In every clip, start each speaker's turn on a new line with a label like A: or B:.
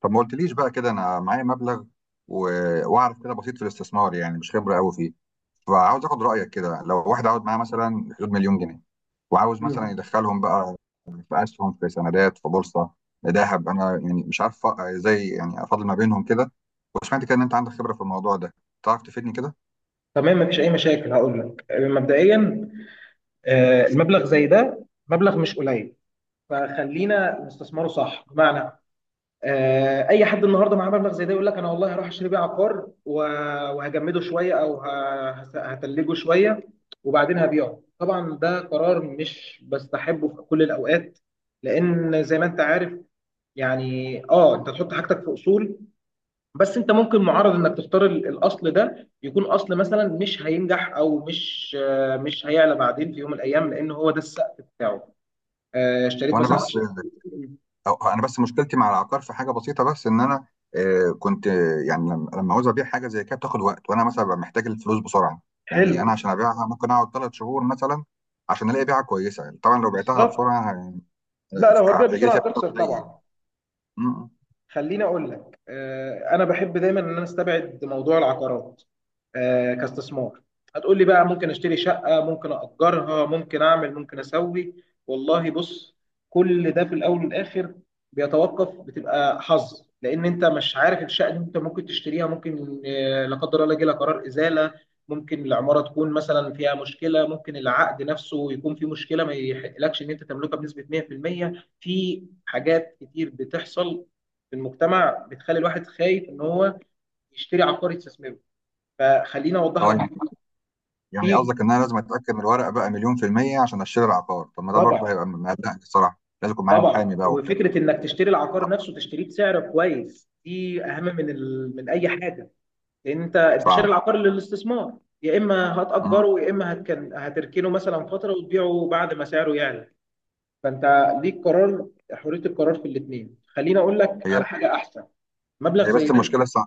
A: طب ما قلتليش بقى كده، انا معايا مبلغ و... واعرف كده بسيط في الاستثمار، يعني مش خبره قوي فيه. فعاوز اخد رايك كده، لو واحد عاوز معاه مثلا حدود مليون جنيه وعاوز مثلا
B: مم.
A: يدخلهم بقى في اسهم، في سندات، في بورصه، ذهب، انا يعني مش عارف ازاي يعني افاضل ما بينهم كده. وسمعت كده ان انت عندك خبره في الموضوع ده، تعرف تفيدني كده.
B: تمام، مفيش اي مشاكل. هقول لك، مبدئيا المبلغ زي ده مبلغ مش قليل، فخلينا نستثمره صح. بمعنى، اي حد النهارده معاه مبلغ زي ده يقول لك انا والله هروح اشتري بيه عقار وهجمده شويه، او هتلجه شويه وبعدين هبيعه. طبعا ده قرار مش بستحبه في كل الاوقات، لان زي ما انت عارف، يعني انت تحط حاجتك في اصول، بس انت ممكن معرض انك تختار الاصل ده يكون اصل مثلا مش هينجح، او مش مش هيعلى بعدين في يوم من الايام، لان هو ده السقف بتاعه. آه، اشتريت
A: وانا
B: مثلا
A: بس
B: عشان-
A: أو انا بس مشكلتي مع العقار في حاجه بسيطه، بس ان انا كنت يعني لما عاوز ابيع حاجه زي كده بتاخد وقت، وانا مثلا ببقى محتاج الفلوس بسرعه. يعني انا
B: حلو.
A: عشان ابيعها ممكن اقعد ثلاث شهور مثلا عشان الاقي بيعه كويسه، يعني طبعا لو بعتها
B: بالظبط.
A: بسرعه
B: لا، لو هتبيع
A: هيجي لي
B: بسرعه
A: فيها فلوس
B: هتخسر
A: قليل.
B: طبعا.
A: م-
B: خليني اقول لك، انا بحب دايما ان انا استبعد موضوع العقارات كاستثمار. هتقول لي بقى ممكن اشتري شقه، ممكن اجرها، ممكن اعمل، ممكن اسوي. والله بص، كل ده في الاول والاخر بيتوقف، بتبقى حظ، لان انت مش عارف الشقه اللي انت ممكن تشتريها ممكن لا قدر الله يجي لها قرار ازاله، ممكن العماره تكون مثلا فيها مشكله، ممكن العقد نفسه يكون فيه مشكله ما يحقلكش ان انت تملكها بنسبه 100% في المية. في حاجات كتير بتحصل في المجتمع بتخلي الواحد خايف ان هو يشتري عقار يستثمره. فخليني
A: اه
B: اوضح لك.
A: يعني، يعني
B: في،
A: قصدك ان انا لازم اتاكد من الورقه بقى مليون في الميه عشان اشتري العقار؟ طب ما ده برضه
B: طبعا.
A: هيبقى مقلقني الصراحه، لازم يكون معايا
B: طبعا،
A: محامي بقى وبتاع.
B: وفكره انك تشتري العقار نفسه تشتريه بسعر كويس دي اهم من من اي حاجه، لان انت شاري
A: صعب.
B: العقار للاستثمار، يا اما
A: م-
B: هتاجره، يا اما هتركنه مثلا فتره وتبيعه بعد ما سعره يعلى. فانت ليك قرار، حريه القرار في الاثنين. خليني اقول لك
A: هي
B: على حاجه احسن. مبلغ
A: هي
B: زي
A: بس
B: ده انت،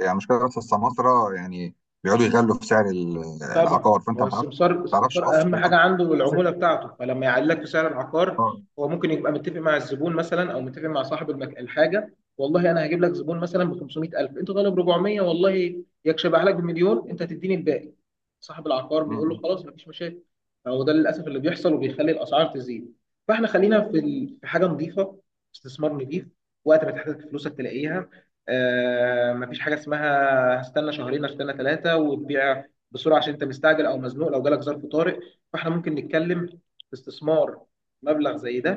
A: يعني المشكله بس السماسره، يعني بيقعدوا يغلوا في سعر
B: طبعا
A: العقار، فانت
B: هو السمسار،
A: ما تعرفش
B: السمسار
A: اصل
B: اهم
A: الأصل
B: حاجه عنده
A: سعر،
B: العموله بتاعته، فلما يعلي لك في سعر العقار،
A: اه.
B: هو ممكن يبقى متفق مع الزبون مثلا، او متفق مع صاحب الحاجه. والله انا هجيب لك زبون مثلا ب 500000، انت طالب 400، والله يكشبها لك بمليون، انت هتديني الباقي. صاحب العقار بيقول له
A: م-
B: خلاص، مفيش مشاكل. فهو ده للاسف اللي بيحصل وبيخلي الاسعار تزيد. فاحنا خلينا في في حاجه نظيفه، استثمار نظيف، وقت ما تحتاج فلوسك تلاقيها. مفيش حاجه اسمها هستنى شهرين، هستنى ثلاثه وتبيع بسرعه عشان انت مستعجل او مزنوق لو جالك ظرف طارئ. فاحنا ممكن نتكلم في استثمار مبلغ زي ده،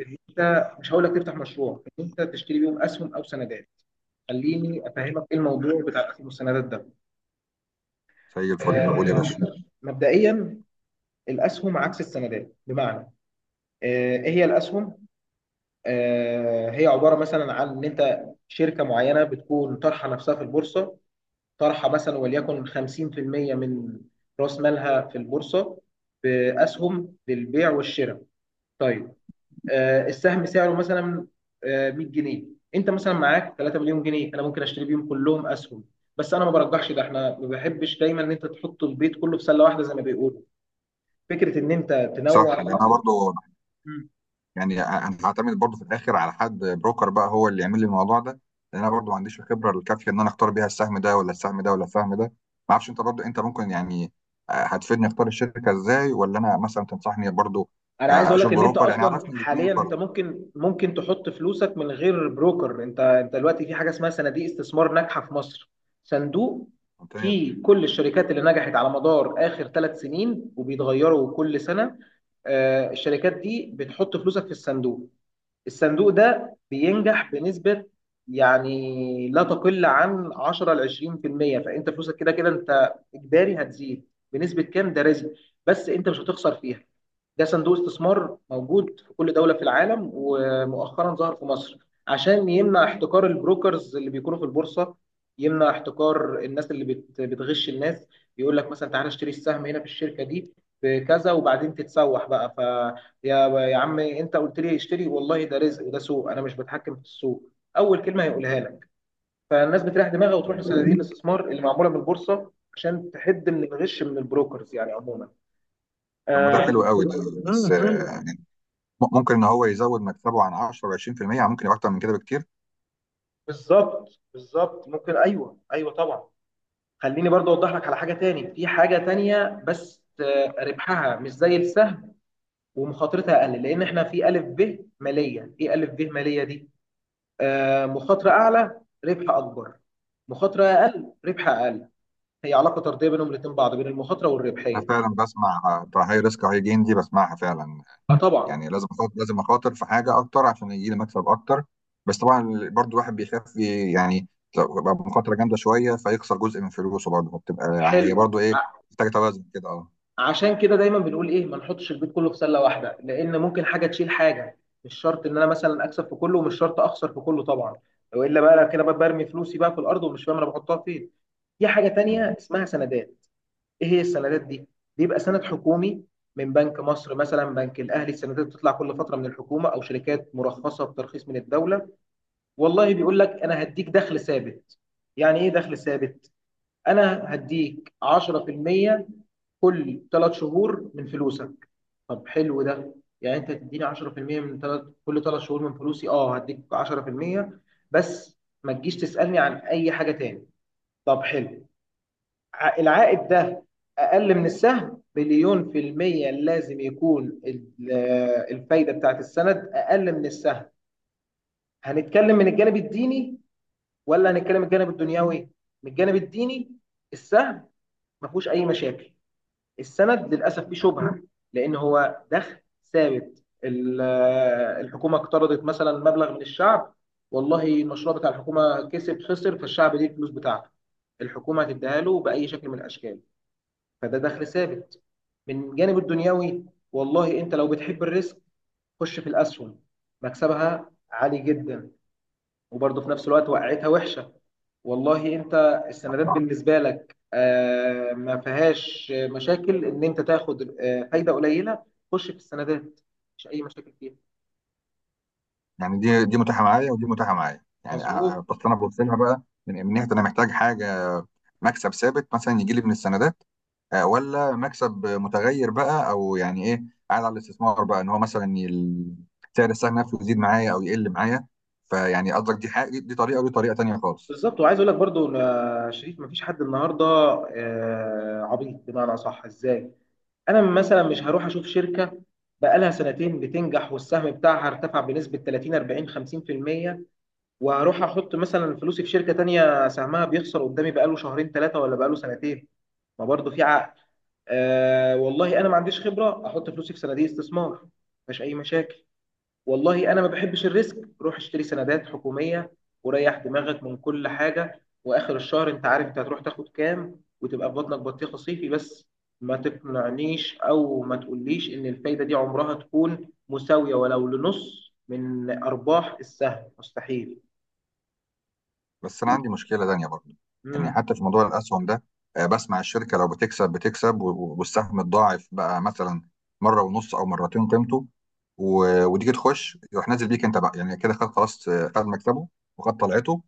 B: ان انت مش هقول لك تفتح مشروع، ان انت تشتري بيهم اسهم او سندات. خليني افهمك ايه الموضوع بتاع الاسهم والسندات ده.
A: زي الفل،
B: آه،
A: قول يا باشا.
B: مبدئيا الاسهم عكس السندات. بمعنى، ايه هي الاسهم؟ هي عباره مثلا عن ان انت شركه معينه بتكون طرحه نفسها في البورصه، طرحه مثلا وليكن 50% من راس مالها في البورصه باسهم للبيع والشراء. طيب، السهم سعره مثلا 100 جنيه، انت مثلا معاك 3 مليون جنيه، انا ممكن اشتري بيهم كلهم اسهم. بس انا ما برجحش ده، احنا ما بحبش دايما ان انت تحط البيت كله في سله واحده زي ما بيقولوا. فكره ان انت تنوع.
A: صح، لان انا برضو يعني انا هعتمد برضو في الاخر على حد بروكر بقى هو اللي يعمل لي الموضوع ده، لان انا برضو ما عنديش الخبره الكافيه ان انا اختار بيها السهم ده ولا السهم ده ولا السهم ده، ما اعرفش. انت برضو انت ممكن يعني هتفيدني اختار الشركه ازاي؟ ولا انا مثلا تنصحني برضو
B: انا عايز اقول لك
A: اشوف
B: ان انت
A: بروكر؟ يعني
B: اصلا
A: عرفني الاثنين
B: حاليا انت
A: برضو.
B: ممكن، ممكن تحط فلوسك من غير بروكر. انت دلوقتي في حاجه اسمها صناديق استثمار ناجحه في مصر. صندوق
A: ممتاز.
B: فيه كل الشركات اللي نجحت على مدار اخر ثلاث سنين وبيتغيروا كل سنه. الشركات دي بتحط فلوسك في الصندوق، الصندوق ده بينجح بنسبة يعني لا تقل عن 10 ل 20%. فانت فلوسك كده كده انت اجباري هتزيد، بنسبة كام ده رزق، بس انت مش هتخسر فيها. ده صندوق استثمار موجود في كل دولة في العالم، ومؤخرا ظهر في مصر عشان يمنع احتكار البروكرز اللي بيكونوا في البورصة، يمنع احتكار الناس اللي بتغش الناس، يقول لك مثلا تعالى اشتري السهم هنا في الشركة دي بكذا وبعدين تتسوح بقى. يا عمي، انت قلت لي اشتري، والله ده رزق وده سوق، انا مش بتحكم في السوق، اول كلمه هيقولها لك. فالناس بتريح دماغها وتروح
A: طيب.
B: لصناديق الاستثمار اللي معموله من البورصه عشان تحد من الغش من البروكرز يعني عموما.
A: طب ما ده
B: آه
A: حلو قوي ده،
B: مم.
A: بس ممكن ان هو يزود مكسبه عن 10 و 20%، ممكن يبقى اكتر من كده بكتير.
B: بالظبط، بالظبط، ممكن، ايوه، ايوه، طبعا. خليني برضه اوضح لك على حاجه تاني، في حاجه تانية بس ربحها مش زي السهم ومخاطرتها اقل، لان احنا في الف ب ماليه. ايه الف ب ماليه دي؟ مخاطرة أعلى ربح أكبر، مخاطرة أقل ربح أقل. هي علاقة طردية بينهم الاتنين بعض، بين المخاطرة
A: انا
B: والربحية.
A: فعلا بسمع بتاع هاي ريسك هاي جين دي، بسمعها فعلا.
B: طبعا.
A: يعني لازم أخاطر، لازم اخاطر في حاجه اكتر عشان يجي لي مكسب اكتر، بس طبعا برضو الواحد بيخاف يعني لو يبقى مخاطره جامده شويه فيخسر جزء من فلوسه برضه، فبتبقى يعني هي
B: حلو
A: برضه ايه،
B: ع-
A: محتاجه توازن كده، اه.
B: عشان كده دايما بنقول إيه؟ ما نحطش البيت كله في سلة واحدة، لأن ممكن حاجة تشيل حاجة. مش شرط إن أنا مثلا أكسب في كله، ومش شرط أخسر في كله طبعا. وإلا بقى أنا كده بقى برمي فلوسي بقى في الأرض ومش فاهم أنا بحطها فين. في حاجة
A: مم.
B: تانية اسمها سندات. ايه هي السندات دي؟ بيبقى سند حكومي من بنك مصر مثلا، بنك الاهلي. السندات بتطلع كل فتره من الحكومه او شركات مرخصه بترخيص من الدوله. والله بيقول لك انا هديك دخل ثابت. يعني ايه دخل ثابت؟ انا هديك 10% كل ثلاث شهور من فلوسك. طب حلو ده. يعني انت تديني 10% من ثلاث، كل ثلاث شهور من فلوسي اه هديك 10% بس، ما تجيش تسالني عن اي حاجه تاني. طب حلو. العائد ده اقل من السهم مليون في المية، لازم يكون الفايدة بتاعت السند اقل من السهم. هنتكلم من الجانب الديني ولا هنتكلم من الجانب الدنيوي؟ من الجانب الديني، السهم ما فيهوش اي مشاكل. السند للاسف فيه شبهة، لان هو دخل ثابت. الحكومة اقترضت مثلا مبلغ من الشعب، والله المشروع بتاع الحكومة كسب خسر، فالشعب ليه الفلوس بتاعته، الحكومة هتديها له بأي شكل من الأشكال. فده دخل ثابت. من جانب الدنيوي، والله انت لو بتحب الريسك خش في الاسهم، مكسبها عالي جدا، وبرضه في نفس الوقت وقعتها وحشه. والله انت السندات بالنسبه لك ما فيهاش مشاكل ان انت تاخد فايده قليله، خش في السندات، مش اي مشاكل فيها.
A: يعني دي متاحه معايا ودي متاحه معايا، يعني
B: مظبوط.
A: بس انا ببص لها بقى من ناحيه انا محتاج حاجه، مكسب ثابت مثلا يجي لي من السنه، ولا مكسب متغير بقى، او يعني ايه، قاعد على الاستثمار بقى ان هو مثلا سعر السهم نفسه يزيد معايا او يقل معايا. فيعني قصدك دي حاجه، دي طريقه ودي طريقه تانيه خالص.
B: بالظبط، وعايز اقول لك برضو يا شريف، مفيش حد النهارده عبيط. بمعنى صح، ازاي؟ انا مثلا مش هروح اشوف شركه بقالها سنتين بتنجح والسهم بتاعها ارتفع بنسبه 30 40 50%، وهروح احط مثلا فلوسي في شركه تانية سهمها بيخسر قدامي بقاله شهرين ثلاثه ولا بقاله سنتين. ما برضه في عقل. والله انا ما عنديش خبره، احط فلوسي في صناديق استثمار، مفيش اي مشاكل. والله انا ما بحبش الريسك، روح اشتري سندات حكوميه وريح دماغك من كل حاجه، واخر الشهر انت عارف انت هتروح تاخد كام، وتبقى في بطنك بطيخه صيفي. بس ما تقنعنيش او ما تقوليش ان الفايده دي عمرها تكون مساويه ولو لنص من ارباح السهم، مستحيل.
A: بس انا عندي مشكله تانيه برضه، يعني
B: امم
A: حتى في موضوع الاسهم ده بسمع الشركه لو بتكسب بتكسب، والسهم اتضاعف بقى مثلا مره ونص او مرتين قيمته، وتيجي تخش يروح نازل بيك انت بقى، يعني كده خد خلاص، خد مكسبه وخد طلعته،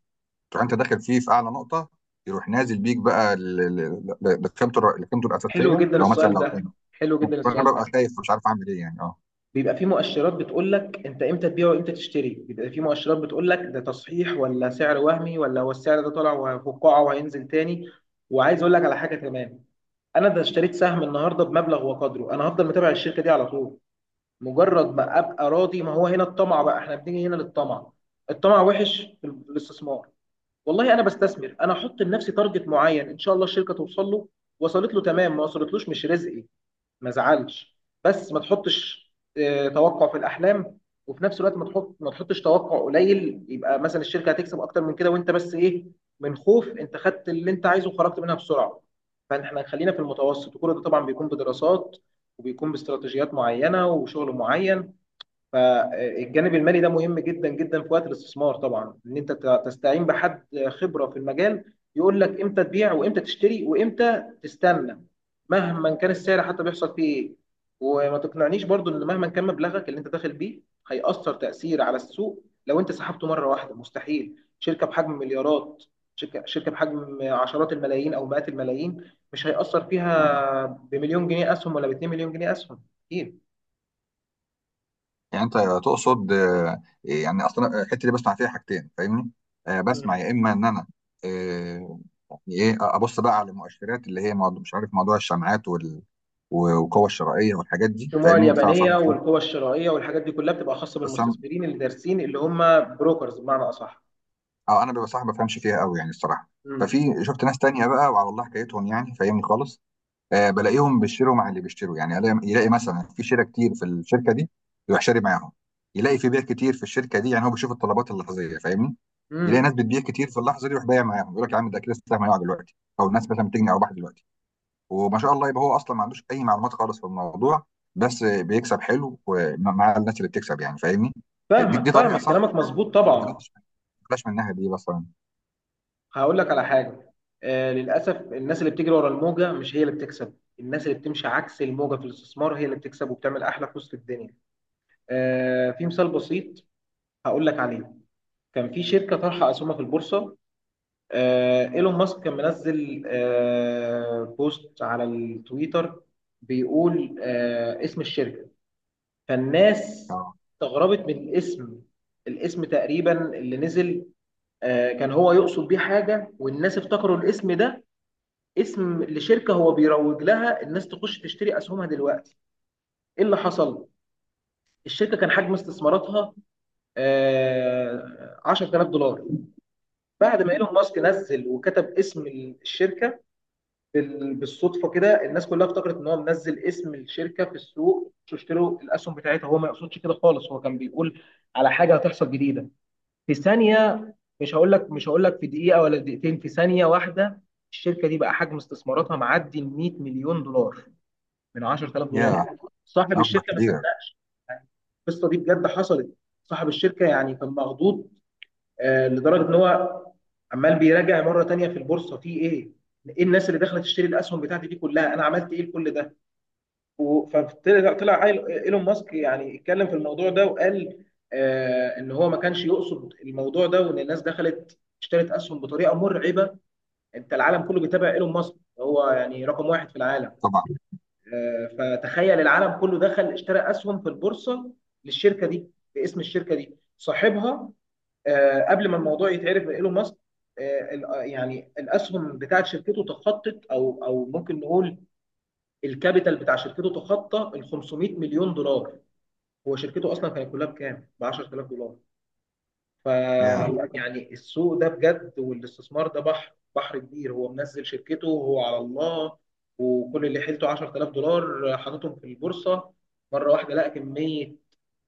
A: تروح انت داخل فيه في اعلى نقطه، يروح نازل بيك بقى لقيمته لقيمته
B: حلو
A: الاساسيه
B: جدا
A: اللي هو مثلا
B: السؤال
A: لو
B: ده،
A: كان.
B: حلو جدا
A: فانا
B: السؤال ده.
A: ببقى خايف مش عارف اعمل ايه، يعني اه.
B: بيبقى في مؤشرات بتقول لك انت امتى تبيع وامتى تشتري، بيبقى في مؤشرات بتقول لك ده تصحيح ولا سعر وهمي، ولا هو السعر ده طالع وفقاعه وهينزل تاني. وعايز اقول لك على حاجه كمان. انا ده اشتريت سهم النهارده بمبلغ وقدره، انا هفضل متابع الشركه دي على طول. مجرد ما ابقى راضي، ما هو هنا الطمع بقى، احنا بنيجي هنا للطمع، الطمع وحش في الاستثمار. والله انا بستثمر، انا احط لنفسي تارجت معين، ان شاء الله الشركه توصل له، وصلت له تمام، ما وصلتلوش مش رزقي، ما زعلش. بس ما تحطش توقع في الاحلام، وفي نفس الوقت ما تحط، ما تحطش توقع قليل يبقى مثلا الشركه هتكسب اكتر من كده وانت بس ايه، من خوف انت خدت اللي انت عايزه وخرجت منها بسرعه. فاحنا خلينا في المتوسط، وكل ده طبعا بيكون بدراسات وبيكون باستراتيجيات معينه وشغل معين. فالجانب المالي ده مهم جدا جدا في وقت الاستثمار طبعا، ان انت تستعين بحد خبره في المجال يقول لك امتى تبيع وامتى تشتري وامتى تستنى مهما كان السعر. حتى بيحصل فيه ايه، وما تقنعنيش برضو ان مهما كان مبلغك اللي انت داخل بيه هيأثر تأثير على السوق لو انت سحبته مره واحده، مستحيل. شركه بحجم مليارات، شركه بحجم عشرات الملايين او مئات الملايين، مش هيأثر فيها بمليون جنيه اسهم ولا باتنين مليون جنيه اسهم، اكيد.
A: يعني انت تقصد يعني اصلا الحته اللي بسمع فيها حاجتين، فاهمني، بسمع يا اما ان انا آه، يعني ايه، ابص بقى على المؤشرات اللي هي موضوع مش عارف، موضوع الشمعات والقوه الشرائيه والحاجات دي،
B: الشموع
A: فاهمني؟
B: اليابانيه والقوى الشرائيه والحاجات دي كلها بتبقى خاصه
A: بس انا
B: بالمستثمرين اللي دارسين، اللي هم بروكرز بمعنى اصح.
A: اه انا ببقى صح ما بفهمش فيها قوي يعني الصراحه.
B: امم
A: ففي شفت ناس تانية بقى وعلى الله حكايتهم، يعني فاهمني خالص، بلاقيهم بيشتروا مع اللي بيشتروا، يعني يلاقي مثلا في شراء كتير في الشركه دي، يروح شاري معاهم، يلاقي في بيع كتير في الشركه دي، يعني هو بيشوف الطلبات اللحظيه، فاهمني، يلاقي
B: امم
A: ناس بتبيع كتير في اللحظه دي، يروح بايع معاهم، يقول لك يا عم ده كده السهم هيقع دلوقتي، او الناس مثلا بتجني ارباح دلوقتي، وما شاء الله يبقى هو اصلا ما عندوش اي معلومات خالص في الموضوع، بس بيكسب حلو مع الناس اللي بتكسب، يعني فاهمني. دي, دي
B: فاهمك،
A: طريقه
B: فاهمك،
A: صح
B: كلامك مظبوط
A: ولا
B: طبعا.
A: بلاش؟ بلاش من الناحيه دي مثلا.
B: هقول لك على حاجه. للاسف الناس اللي بتجري ورا الموجه مش هي اللي بتكسب، الناس اللي بتمشي عكس الموجه في الاستثمار هي اللي بتكسب وبتعمل احلى فلوس في الدنيا. في مثال بسيط هقول لك عليه. كان في شركه طرحه اسهمها في البورصه، ايلون ماسك كان منزل بوست على التويتر بيقول اسم الشركة. فالناس
A: آه.
B: استغربت من الاسم. الاسم تقريبا اللي نزل كان هو يقصد بيه حاجة، والناس افتكروا الاسم ده اسم لشركة هو بيروج لها، الناس تخش تشتري أسهمها دلوقتي. ايه اللي حصل؟ الشركة كان حجم استثماراتها 10000 دولار. بعد ما ايلون ماسك نزل وكتب اسم الشركة بالصدفه كده، الناس كلها افتكرت ان هو منزل اسم الشركه في السوق، مش اشتروا الاسهم بتاعتها. هو ما يقصدش كده خالص، هو كان بيقول على حاجه هتحصل جديده في ثانيه، مش هقول لك، مش هقول لك في دقيقه ولا دقيقتين، في ثانيه واحده. الشركه دي بقى حجم استثماراتها معدي ال 100 مليون دولار، من 10000
A: يا،
B: دولار صاحب
A: مبلغ
B: الشركه ما
A: كبير.
B: صدقش. يعني القصه دي بجد حصلت. صاحب الشركه يعني كان مخضوض لدرجه ان هو عمال بيراجع مره تانية في البورصه في ايه؟ ايه الناس اللي دخلت تشتري الاسهم بتاعتي دي كلها؟ انا عملت ايه لكل ده؟ فطلع، طلع ايلون ماسك يعني اتكلم في الموضوع ده، وقال ان هو ما كانش يقصد الموضوع ده، وان الناس دخلت اشترت اسهم بطريقه مرعبه. انت العالم كله بيتابع ايلون ماسك، هو يعني رقم واحد في العالم.
A: طبعا.
B: آه، فتخيل العالم كله دخل اشترى اسهم في البورصه للشركه دي باسم الشركه دي. صاحبها قبل ما الموضوع يتعرف من ايلون ماسك، يعني الاسهم بتاعت شركته تخطت، او او ممكن نقول الكابيتال بتاع شركته تخطى ال 500 مليون دولار. هو شركته اصلا كانت كلها بكام؟ ب 10000 دولار. ف
A: يا،
B: يعني السوق ده بجد، والاستثمار ده بحر، بحر كبير. هو منزل شركته وهو على الله، وكل اللي حيلته 10000 دولار حاططهم في البورصه، مره واحده لقى كميه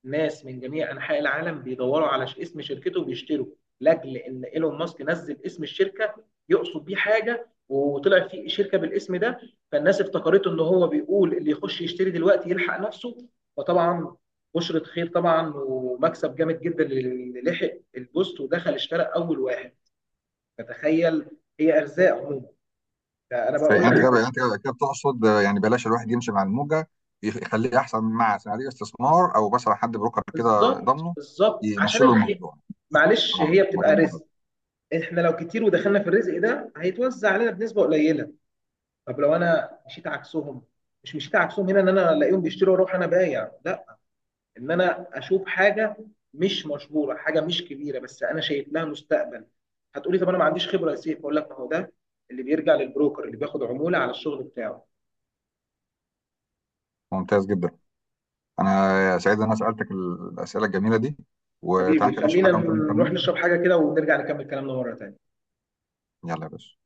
B: ناس من جميع انحاء العالم بيدوروا على اسم شركته وبيشتروا، لاجل ان ايلون ماسك نزل اسم الشركه، يقصد بيه حاجه وطلع في شركه بالاسم ده، فالناس افتكرته ان هو بيقول اللي يخش يشتري دلوقتي يلحق نفسه. فطبعا بشرة خير طبعا، ومكسب جامد جدا اللي لحق البوست ودخل اشترى اول واحد. فتخيل. هي ارزاق عموما، ده انا بقول
A: يعني انت
B: لك.
A: كده، انت كده كده بتقصد يعني بلاش الواحد يمشي مع الموجه، يخليه احسن من مع صناديق استثمار او بس على حد بروكر كده
B: بالظبط،
A: ضامنه
B: بالظبط، عشان
A: يمشي له
B: الخير
A: الموضوع.
B: معلش
A: اه،
B: هي
A: موضوع
B: بتبقى
A: الموضوع
B: رزق. احنا لو كتير ودخلنا في الرزق ده هيتوزع علينا بنسبه قليله. طب لو انا مشيت عكسهم، مش مشيت عكسهم هنا ان انا الاقيهم بيشتروا واروح انا بايع، لا، ان انا اشوف حاجه مش مشهوره، حاجه مش كبيره بس انا شايف لها مستقبل. هتقولي طب انا ما عنديش خبره يا سيف، اقول لك ما هو ده اللي بيرجع للبروكر اللي بياخد عموله على الشغل بتاعه.
A: ممتاز جدا، انا سعيد ان انا سالتك الاسئله الجميله دي، وتعالى
B: حبيبي
A: كده نشرب
B: خلينا
A: حاجه ونكمل كلامنا.
B: نروح نشرب حاجه كده ونرجع نكمل كلامنا مره تانيه.
A: يلا يا باشا.